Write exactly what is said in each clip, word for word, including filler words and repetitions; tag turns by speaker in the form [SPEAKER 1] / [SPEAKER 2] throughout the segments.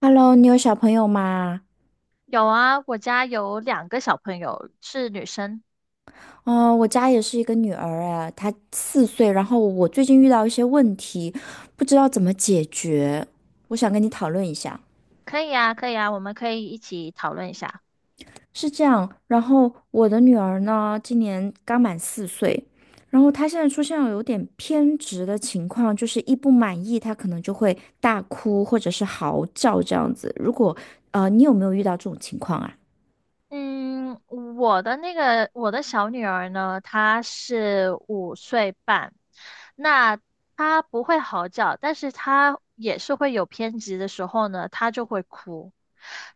[SPEAKER 1] Hello，你有小朋友吗？
[SPEAKER 2] 有啊，我家有两个小朋友是女生，
[SPEAKER 1] 哦，我家也是一个女儿，哎，她四岁。然后我最近遇到一些问题，不知道怎么解决，我想跟你讨论一下。
[SPEAKER 2] 可以啊，可以啊，我们可以一起讨论一下。
[SPEAKER 1] 是这样，然后我的女儿呢，今年刚满四岁，然后她现在出现了有点偏执的情况，就是一不满意，她可能就会大哭或者是嚎叫这样子。如果呃，你有没有遇到这种情况啊？
[SPEAKER 2] 嗯，我的那个我的小女儿呢，她是五岁半，那她不会嚎叫，但是她也是会有偏执的时候呢，她就会哭，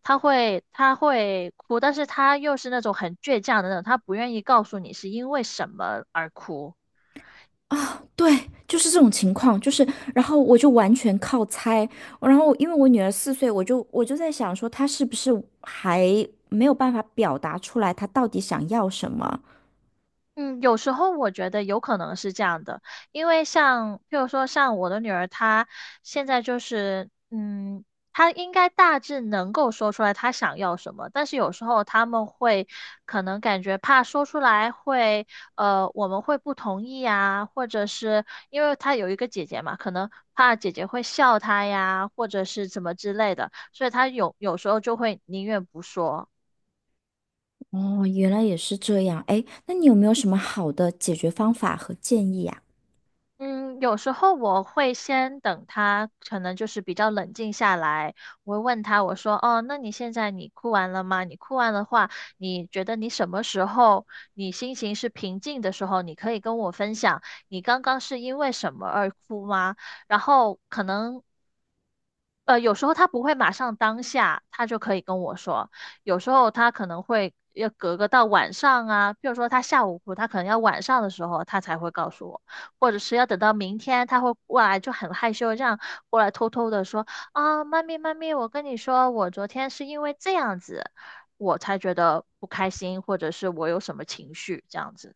[SPEAKER 2] 她会她会哭，但是她又是那种很倔强的那种，她不愿意告诉你是因为什么而哭。
[SPEAKER 1] 啊，对，就是这种情况，就是，然后我就完全靠猜，然后因为我女儿四岁，我就我就在想说，她是不是还没有办法表达出来，她到底想要什么？
[SPEAKER 2] 嗯，有时候我觉得有可能是这样的，因为像，譬如说像我的女儿，她现在就是，嗯，她应该大致能够说出来她想要什么，但是有时候他们会可能感觉怕说出来会，呃，我们会不同意呀，或者是因为她有一个姐姐嘛，可能怕姐姐会笑她呀，或者是怎么之类的，所以她有有时候就会宁愿不说。
[SPEAKER 1] 哦，原来也是这样，哎，那你有没有什么好的解决方法和建议呀？
[SPEAKER 2] 嗯，有时候我会先等他，可能就是比较冷静下来。我会问他，我说：“哦，那你现在你哭完了吗？你哭完的话，你觉得你什么时候你心情是平静的时候，你可以跟我分享，你刚刚是因为什么而哭吗？”然后可能呃，有时候他不会马上当下，他就可以跟我说。有时候他可能会要隔个到晚上啊，比如说他下午哭，他可能要晚上的时候他才会告诉我，或者是要等到明天他会过来，就很害羞这样过来偷偷的说啊，妈咪妈咪，我跟你说，我昨天是因为这样子，我才觉得不开心，或者是我有什么情绪这样子。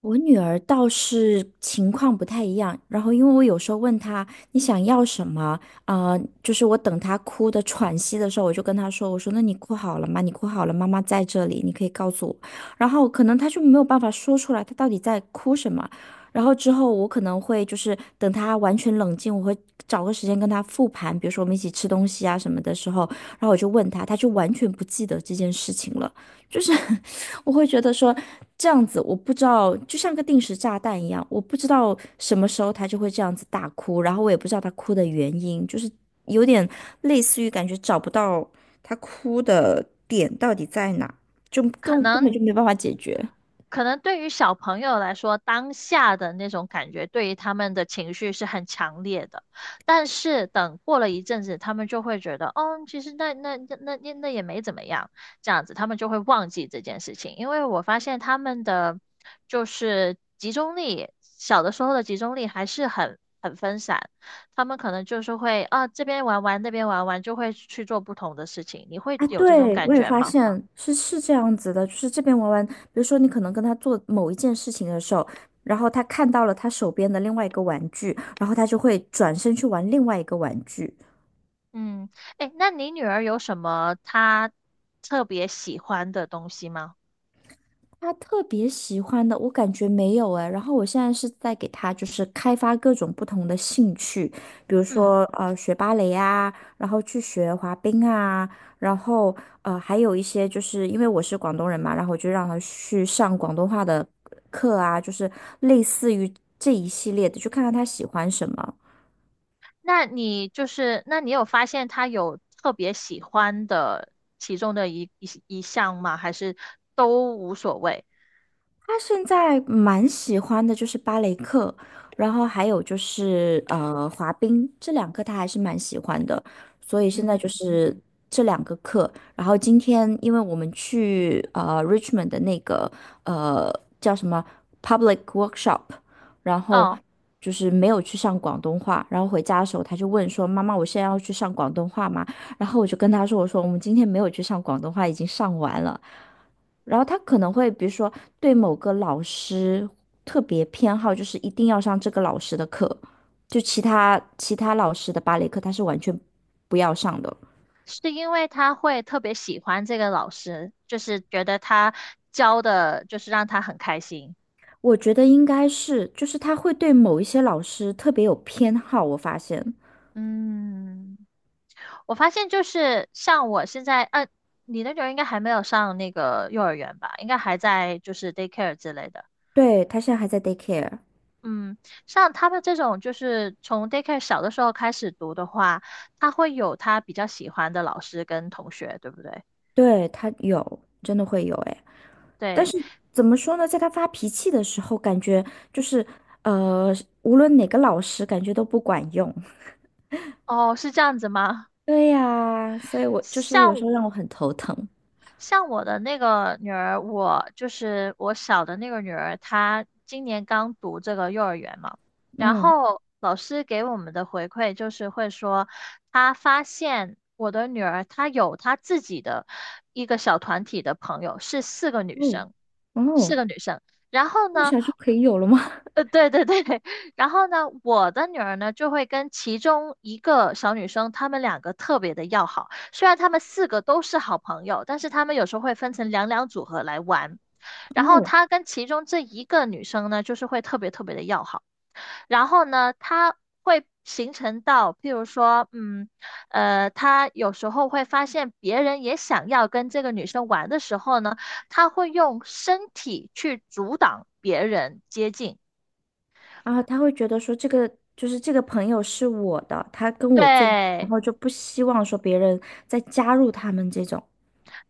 [SPEAKER 1] 我女儿倒是情况不太一样，然后因为我有时候问她你想要什么，呃，就是我等她哭的喘息的时候，我就跟她说，我说那你哭好了吗？你哭好了，妈妈在这里，你可以告诉我。然后可能她就没有办法说出来，她到底在哭什么。然后之后我可能会就是等她完全冷静，我会找个时间跟她复盘，比如说我们一起吃东西啊什么的时候，然后我就问她，她就完全不记得这件事情了。就是 我会觉得说这样子，我不知道，就像个定时炸弹一样，我不知道什么时候他就会这样子大哭，然后我也不知道他哭的原因，就是有点类似于感觉找不到他哭的点到底在哪，就
[SPEAKER 2] 可
[SPEAKER 1] 根根
[SPEAKER 2] 能
[SPEAKER 1] 本就没办法解决。
[SPEAKER 2] 可能对于小朋友来说，当下的那种感觉对于他们的情绪是很强烈的，但是等过了一阵子，他们就会觉得，哦，其实那那那那那那也没怎么样，这样子他们就会忘记这件事情。因为我发现他们的就是集中力，小的时候的集中力还是很很分散，他们可能就是会啊这边玩玩那边玩玩，就会去做不同的事情。你会
[SPEAKER 1] 啊，
[SPEAKER 2] 有这种
[SPEAKER 1] 对，
[SPEAKER 2] 感
[SPEAKER 1] 我也
[SPEAKER 2] 觉
[SPEAKER 1] 发
[SPEAKER 2] 吗？
[SPEAKER 1] 现是是这样子的，就是这边玩玩，比如说你可能跟他做某一件事情的时候，然后他看到了他手边的另外一个玩具，然后他就会转身去玩另外一个玩具。
[SPEAKER 2] 嗯，哎，那你女儿有什么她特别喜欢的东西吗？
[SPEAKER 1] 他特别喜欢的，我感觉没有哎。然后我现在是在给他就是开发各种不同的兴趣，比如
[SPEAKER 2] 嗯，
[SPEAKER 1] 说呃学芭蕾啊，然后去学滑冰啊，然后呃还有一些就是因为我是广东人嘛，然后我就让他去上广东话的课啊，就是类似于这一系列的，就看看他喜欢什么。
[SPEAKER 2] 那你就是，那你有发现她有特别喜欢的其中的一一一项吗？还是都无所谓？
[SPEAKER 1] 他现在蛮喜欢的就是芭蕾课，然后还有就是呃滑冰，这两个他还是蛮喜欢的，所以现在
[SPEAKER 2] 嗯
[SPEAKER 1] 就
[SPEAKER 2] 嗯，
[SPEAKER 1] 是这两个课。然后今天因为我们去呃 Richmond 的那个呃叫什么 public workshop，然后
[SPEAKER 2] 哦，
[SPEAKER 1] 就是没有去上广东话，然后回家的时候他就问说：“妈妈，我现在要去上广东话吗？”然后我就跟他说：“我说我们今天没有去上广东话，已经上完了。”然后他可能会，比如说对某个老师特别偏好，就是一定要上这个老师的课，就其他其他老师的芭蕾课他是完全不要上的。
[SPEAKER 2] 是因为她会特别喜欢这个老师，就是觉得他教的，就是让她很开心。
[SPEAKER 1] 我觉得应该是，就是他会对某一些老师特别有偏好，我发现。
[SPEAKER 2] 嗯。我发现就是像我现在，呃，你那种应该还没有上那个幼儿园吧？应该还在就是 daycare 之类的。
[SPEAKER 1] 对，他现在还在 daycare，
[SPEAKER 2] 嗯，像他们这种就是从 daycare 小的时候开始读的话，他会有他比较喜欢的老师跟同学，对不对？
[SPEAKER 1] 对，他有，真的会有哎。但
[SPEAKER 2] 对，
[SPEAKER 1] 是怎么说呢，在他发脾气的时候，感觉就是呃，无论哪个老师，感觉都不管用。
[SPEAKER 2] 哦，是这样子吗？
[SPEAKER 1] 对呀，所以我就是有时
[SPEAKER 2] 像
[SPEAKER 1] 候让我很头疼。
[SPEAKER 2] 像我的那个女儿，我就是我小的那个女儿，她今年刚读这个幼儿园嘛，然
[SPEAKER 1] 嗯，
[SPEAKER 2] 后老师给我们的回馈就是会说，她发现我的女儿她有她自己的一个小团体的朋友，是四个女
[SPEAKER 1] 哦
[SPEAKER 2] 生，四
[SPEAKER 1] 哦
[SPEAKER 2] 个女生。然后
[SPEAKER 1] 那么
[SPEAKER 2] 呢，
[SPEAKER 1] 小就可以有了吗？
[SPEAKER 2] 呃，对对对，然后呢，我的女儿呢就会跟其中一个小女生，她们两个特别的要好。虽然她们四个都是好朋友，但是她们有时候会分成两两组合来玩。然后
[SPEAKER 1] 哦，
[SPEAKER 2] 她跟其中这一个女生呢，就是会特别特别的要好。然后呢，她会形成到，譬如说，嗯，呃，她有时候会发现别人也想要跟这个女生玩的时候呢，她会用身体去阻挡别人接近。
[SPEAKER 1] 然后他会觉得说这个就是这个朋友是我的，他跟我最好，然
[SPEAKER 2] 对，
[SPEAKER 1] 后就不希望说别人再加入他们这种。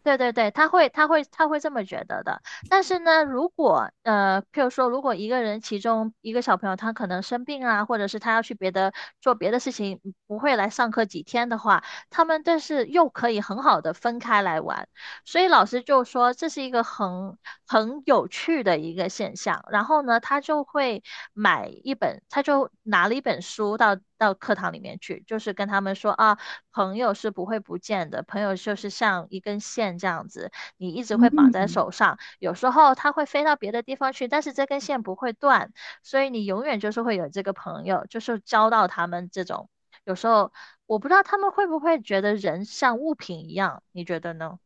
[SPEAKER 2] 对对对，他会，他会，他会这么觉得的。但是呢，如果呃，譬如说，如果一个人其中一个小朋友他可能生病啊，或者是他要去别的做别的事情，不会来上课几天的话，他们但是又可以很好的分开来玩。所以老师就说这是一个很很有趣的一个现象。然后呢，他就会买一本，他就拿了一本书到到课堂里面去，就是跟他们说啊。朋友是不会不见的，朋友就是像一根线这样子，你一直会绑在
[SPEAKER 1] 嗯。
[SPEAKER 2] 手上。有时候它会飞到别的地方去，但是这根线不会断，所以你永远就是会有这个朋友，就是交到他们这种。有时候我不知道他们会不会觉得人像物品一样，你觉得呢？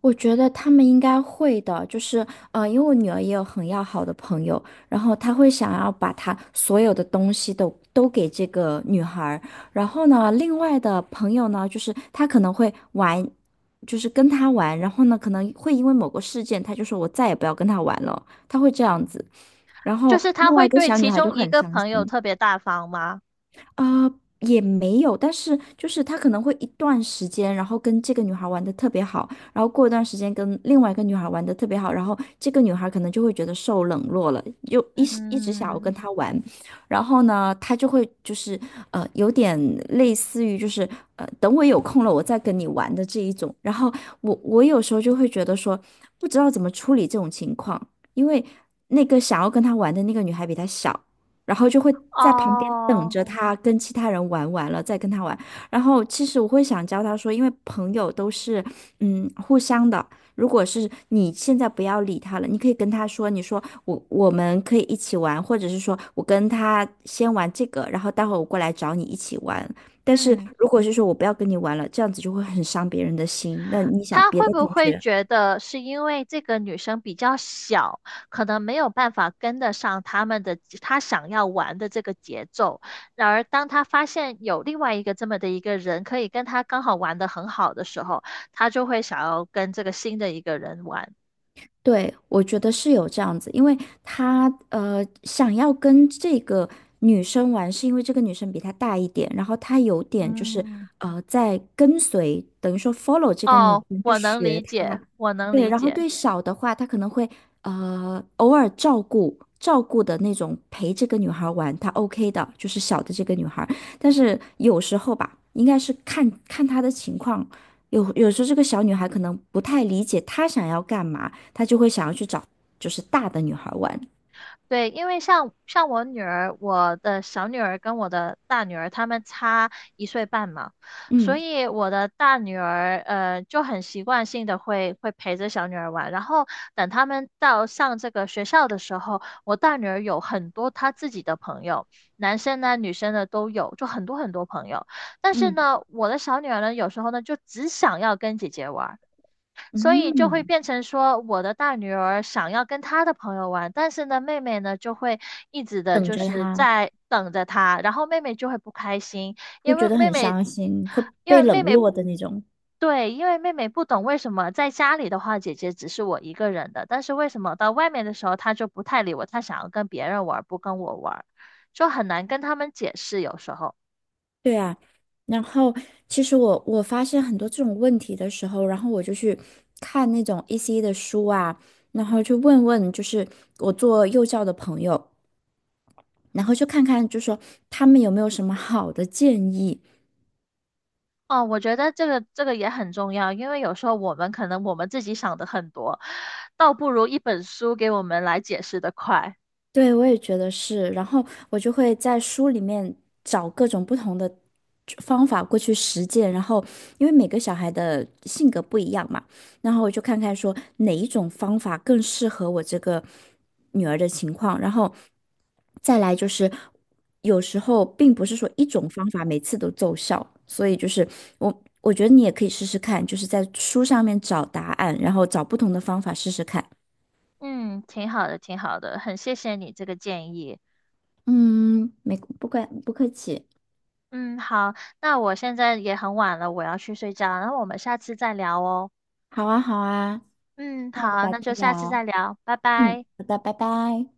[SPEAKER 1] 我觉得他们应该会的，就是呃，因为我女儿也有很要好的朋友，然后她会想要把她所有的东西都都给这个女孩儿然后呢，另外的朋友呢，就是她可能会玩，就是跟她玩，然后呢，可能会因为某个事件，她就说我再也不要跟她玩了，她会这样子，然
[SPEAKER 2] 就
[SPEAKER 1] 后
[SPEAKER 2] 是他
[SPEAKER 1] 另外
[SPEAKER 2] 会
[SPEAKER 1] 一个
[SPEAKER 2] 对
[SPEAKER 1] 小女
[SPEAKER 2] 其
[SPEAKER 1] 孩就
[SPEAKER 2] 中
[SPEAKER 1] 会
[SPEAKER 2] 一
[SPEAKER 1] 很
[SPEAKER 2] 个
[SPEAKER 1] 伤
[SPEAKER 2] 朋友
[SPEAKER 1] 心。
[SPEAKER 2] 特别大方吗？
[SPEAKER 1] 啊、也没有，但是就是他可能会一段时间，然后跟这个女孩玩的特别好，然后过一段时间跟另外一个女孩玩的特别好，然后这个女孩可能就会觉得受冷落了，就一时一直想要跟
[SPEAKER 2] 嗯，
[SPEAKER 1] 他玩，然后呢，他就会就是呃有点类似于就是呃等我有空了我再跟你玩的这一种，然后我我有时候就会觉得说不知道怎么处理这种情况，因为那个想要跟他玩的那个女孩比他小。然后就会在旁边等
[SPEAKER 2] 哦，
[SPEAKER 1] 着他跟其他人玩完了再跟他玩。然后其实我会想教他说，因为朋友都是嗯互相的。如果是你现在不要理他了，你可以跟他说，你说我我们可以一起玩，或者是说我跟他先玩这个，然后待会儿我过来找你一起玩。但是
[SPEAKER 2] 嗯，
[SPEAKER 1] 如果是说我不要跟你玩了，这样子就会很伤别人的心。那你想，
[SPEAKER 2] 他
[SPEAKER 1] 别
[SPEAKER 2] 会
[SPEAKER 1] 的
[SPEAKER 2] 不
[SPEAKER 1] 同
[SPEAKER 2] 会
[SPEAKER 1] 学。
[SPEAKER 2] 觉得是因为这个女生比较小，可能没有办法跟得上他们的他想要玩的这个节奏？然而，当他发现有另外一个这么的一个人可以跟他刚好玩得很好的时候，他就会想要跟这个新的一个人玩。
[SPEAKER 1] 对，我觉得是有这样子，因为他呃想要跟这个女生玩，是因为这个女生比他大一点，然后他有点就是
[SPEAKER 2] 嗯，
[SPEAKER 1] 呃在跟随，等于说 follow 这个女
[SPEAKER 2] 哦，
[SPEAKER 1] 生去
[SPEAKER 2] 我能
[SPEAKER 1] 学
[SPEAKER 2] 理
[SPEAKER 1] 她。
[SPEAKER 2] 解，我能
[SPEAKER 1] 对，
[SPEAKER 2] 理
[SPEAKER 1] 然后
[SPEAKER 2] 解。
[SPEAKER 1] 对小的话，他可能会呃偶尔照顾照顾的那种陪这个女孩玩，他 OK 的，就是小的这个女孩。但是有时候吧，应该是看看她的情况，有有时候这个小女孩可能不太理解她想要干嘛。他就会想要去找就是大的女孩玩，
[SPEAKER 2] 对，因为像像我女儿，我的小女儿跟我的大女儿，她们差一岁半嘛，所
[SPEAKER 1] 嗯
[SPEAKER 2] 以我的大女儿呃就很习惯性的会会陪着小女儿玩，然后等她们到上这个学校的时候，我大女儿有很多她自己的朋友，男生呢女生呢都有，就很多很多朋友，但是
[SPEAKER 1] 嗯
[SPEAKER 2] 呢，我的小女儿呢有时候呢就只想要跟姐姐玩。所以就会
[SPEAKER 1] 嗯，
[SPEAKER 2] 变成说，我的大女儿想要跟她的朋友玩，但是呢，妹妹呢就会一直的
[SPEAKER 1] 等
[SPEAKER 2] 就
[SPEAKER 1] 着
[SPEAKER 2] 是
[SPEAKER 1] 他
[SPEAKER 2] 在等着她，然后妹妹就会不开心，
[SPEAKER 1] 会
[SPEAKER 2] 因
[SPEAKER 1] 觉
[SPEAKER 2] 为
[SPEAKER 1] 得
[SPEAKER 2] 妹
[SPEAKER 1] 很
[SPEAKER 2] 妹，
[SPEAKER 1] 伤心，会
[SPEAKER 2] 因
[SPEAKER 1] 被
[SPEAKER 2] 为妹
[SPEAKER 1] 冷
[SPEAKER 2] 妹
[SPEAKER 1] 落
[SPEAKER 2] 不。
[SPEAKER 1] 的那种。
[SPEAKER 2] 对，因为妹妹不懂为什么在家里的话，姐姐只是我一个人的，但是为什么到外面的时候，她就不太理我，她想要跟别人玩，不跟我玩，就很难跟他们解释有时候。
[SPEAKER 1] 对啊，然后其实我我发现很多这种问题的时候，然后我就去看那种 E C 的书啊，然后去问问就是我做幼教的朋友，然后就看看就说他们有没有什么好的建议。
[SPEAKER 2] 哦，我觉得这个这个也很重要，因为有时候我们可能我们自己想的很多，倒不如一本书给我们来解释的快。
[SPEAKER 1] 对，我也觉得是。然后我就会在书里面找各种不同的方法过去实践。然后，因为每个小孩的性格不一样嘛，然后我就看看说哪一种方法更适合我这个女儿的情况。然后再来就是，有时候并不是说一种方法每次都奏效，所以就是我我觉得你也可以试试看，就是在书上面找答案，然后找不同的方法试试看。
[SPEAKER 2] 嗯，挺好的，挺好的，很谢谢你这个建议。
[SPEAKER 1] 嗯，没，不客不客气。
[SPEAKER 2] 嗯，好，那我现在也很晚了，我要去睡觉，然后我们下次再聊哦。
[SPEAKER 1] 好啊，好啊，
[SPEAKER 2] 嗯，
[SPEAKER 1] 那我们
[SPEAKER 2] 好，
[SPEAKER 1] 改
[SPEAKER 2] 那就
[SPEAKER 1] 天
[SPEAKER 2] 下次
[SPEAKER 1] 聊。
[SPEAKER 2] 再聊，拜
[SPEAKER 1] 嗯，
[SPEAKER 2] 拜。
[SPEAKER 1] 好的，拜拜。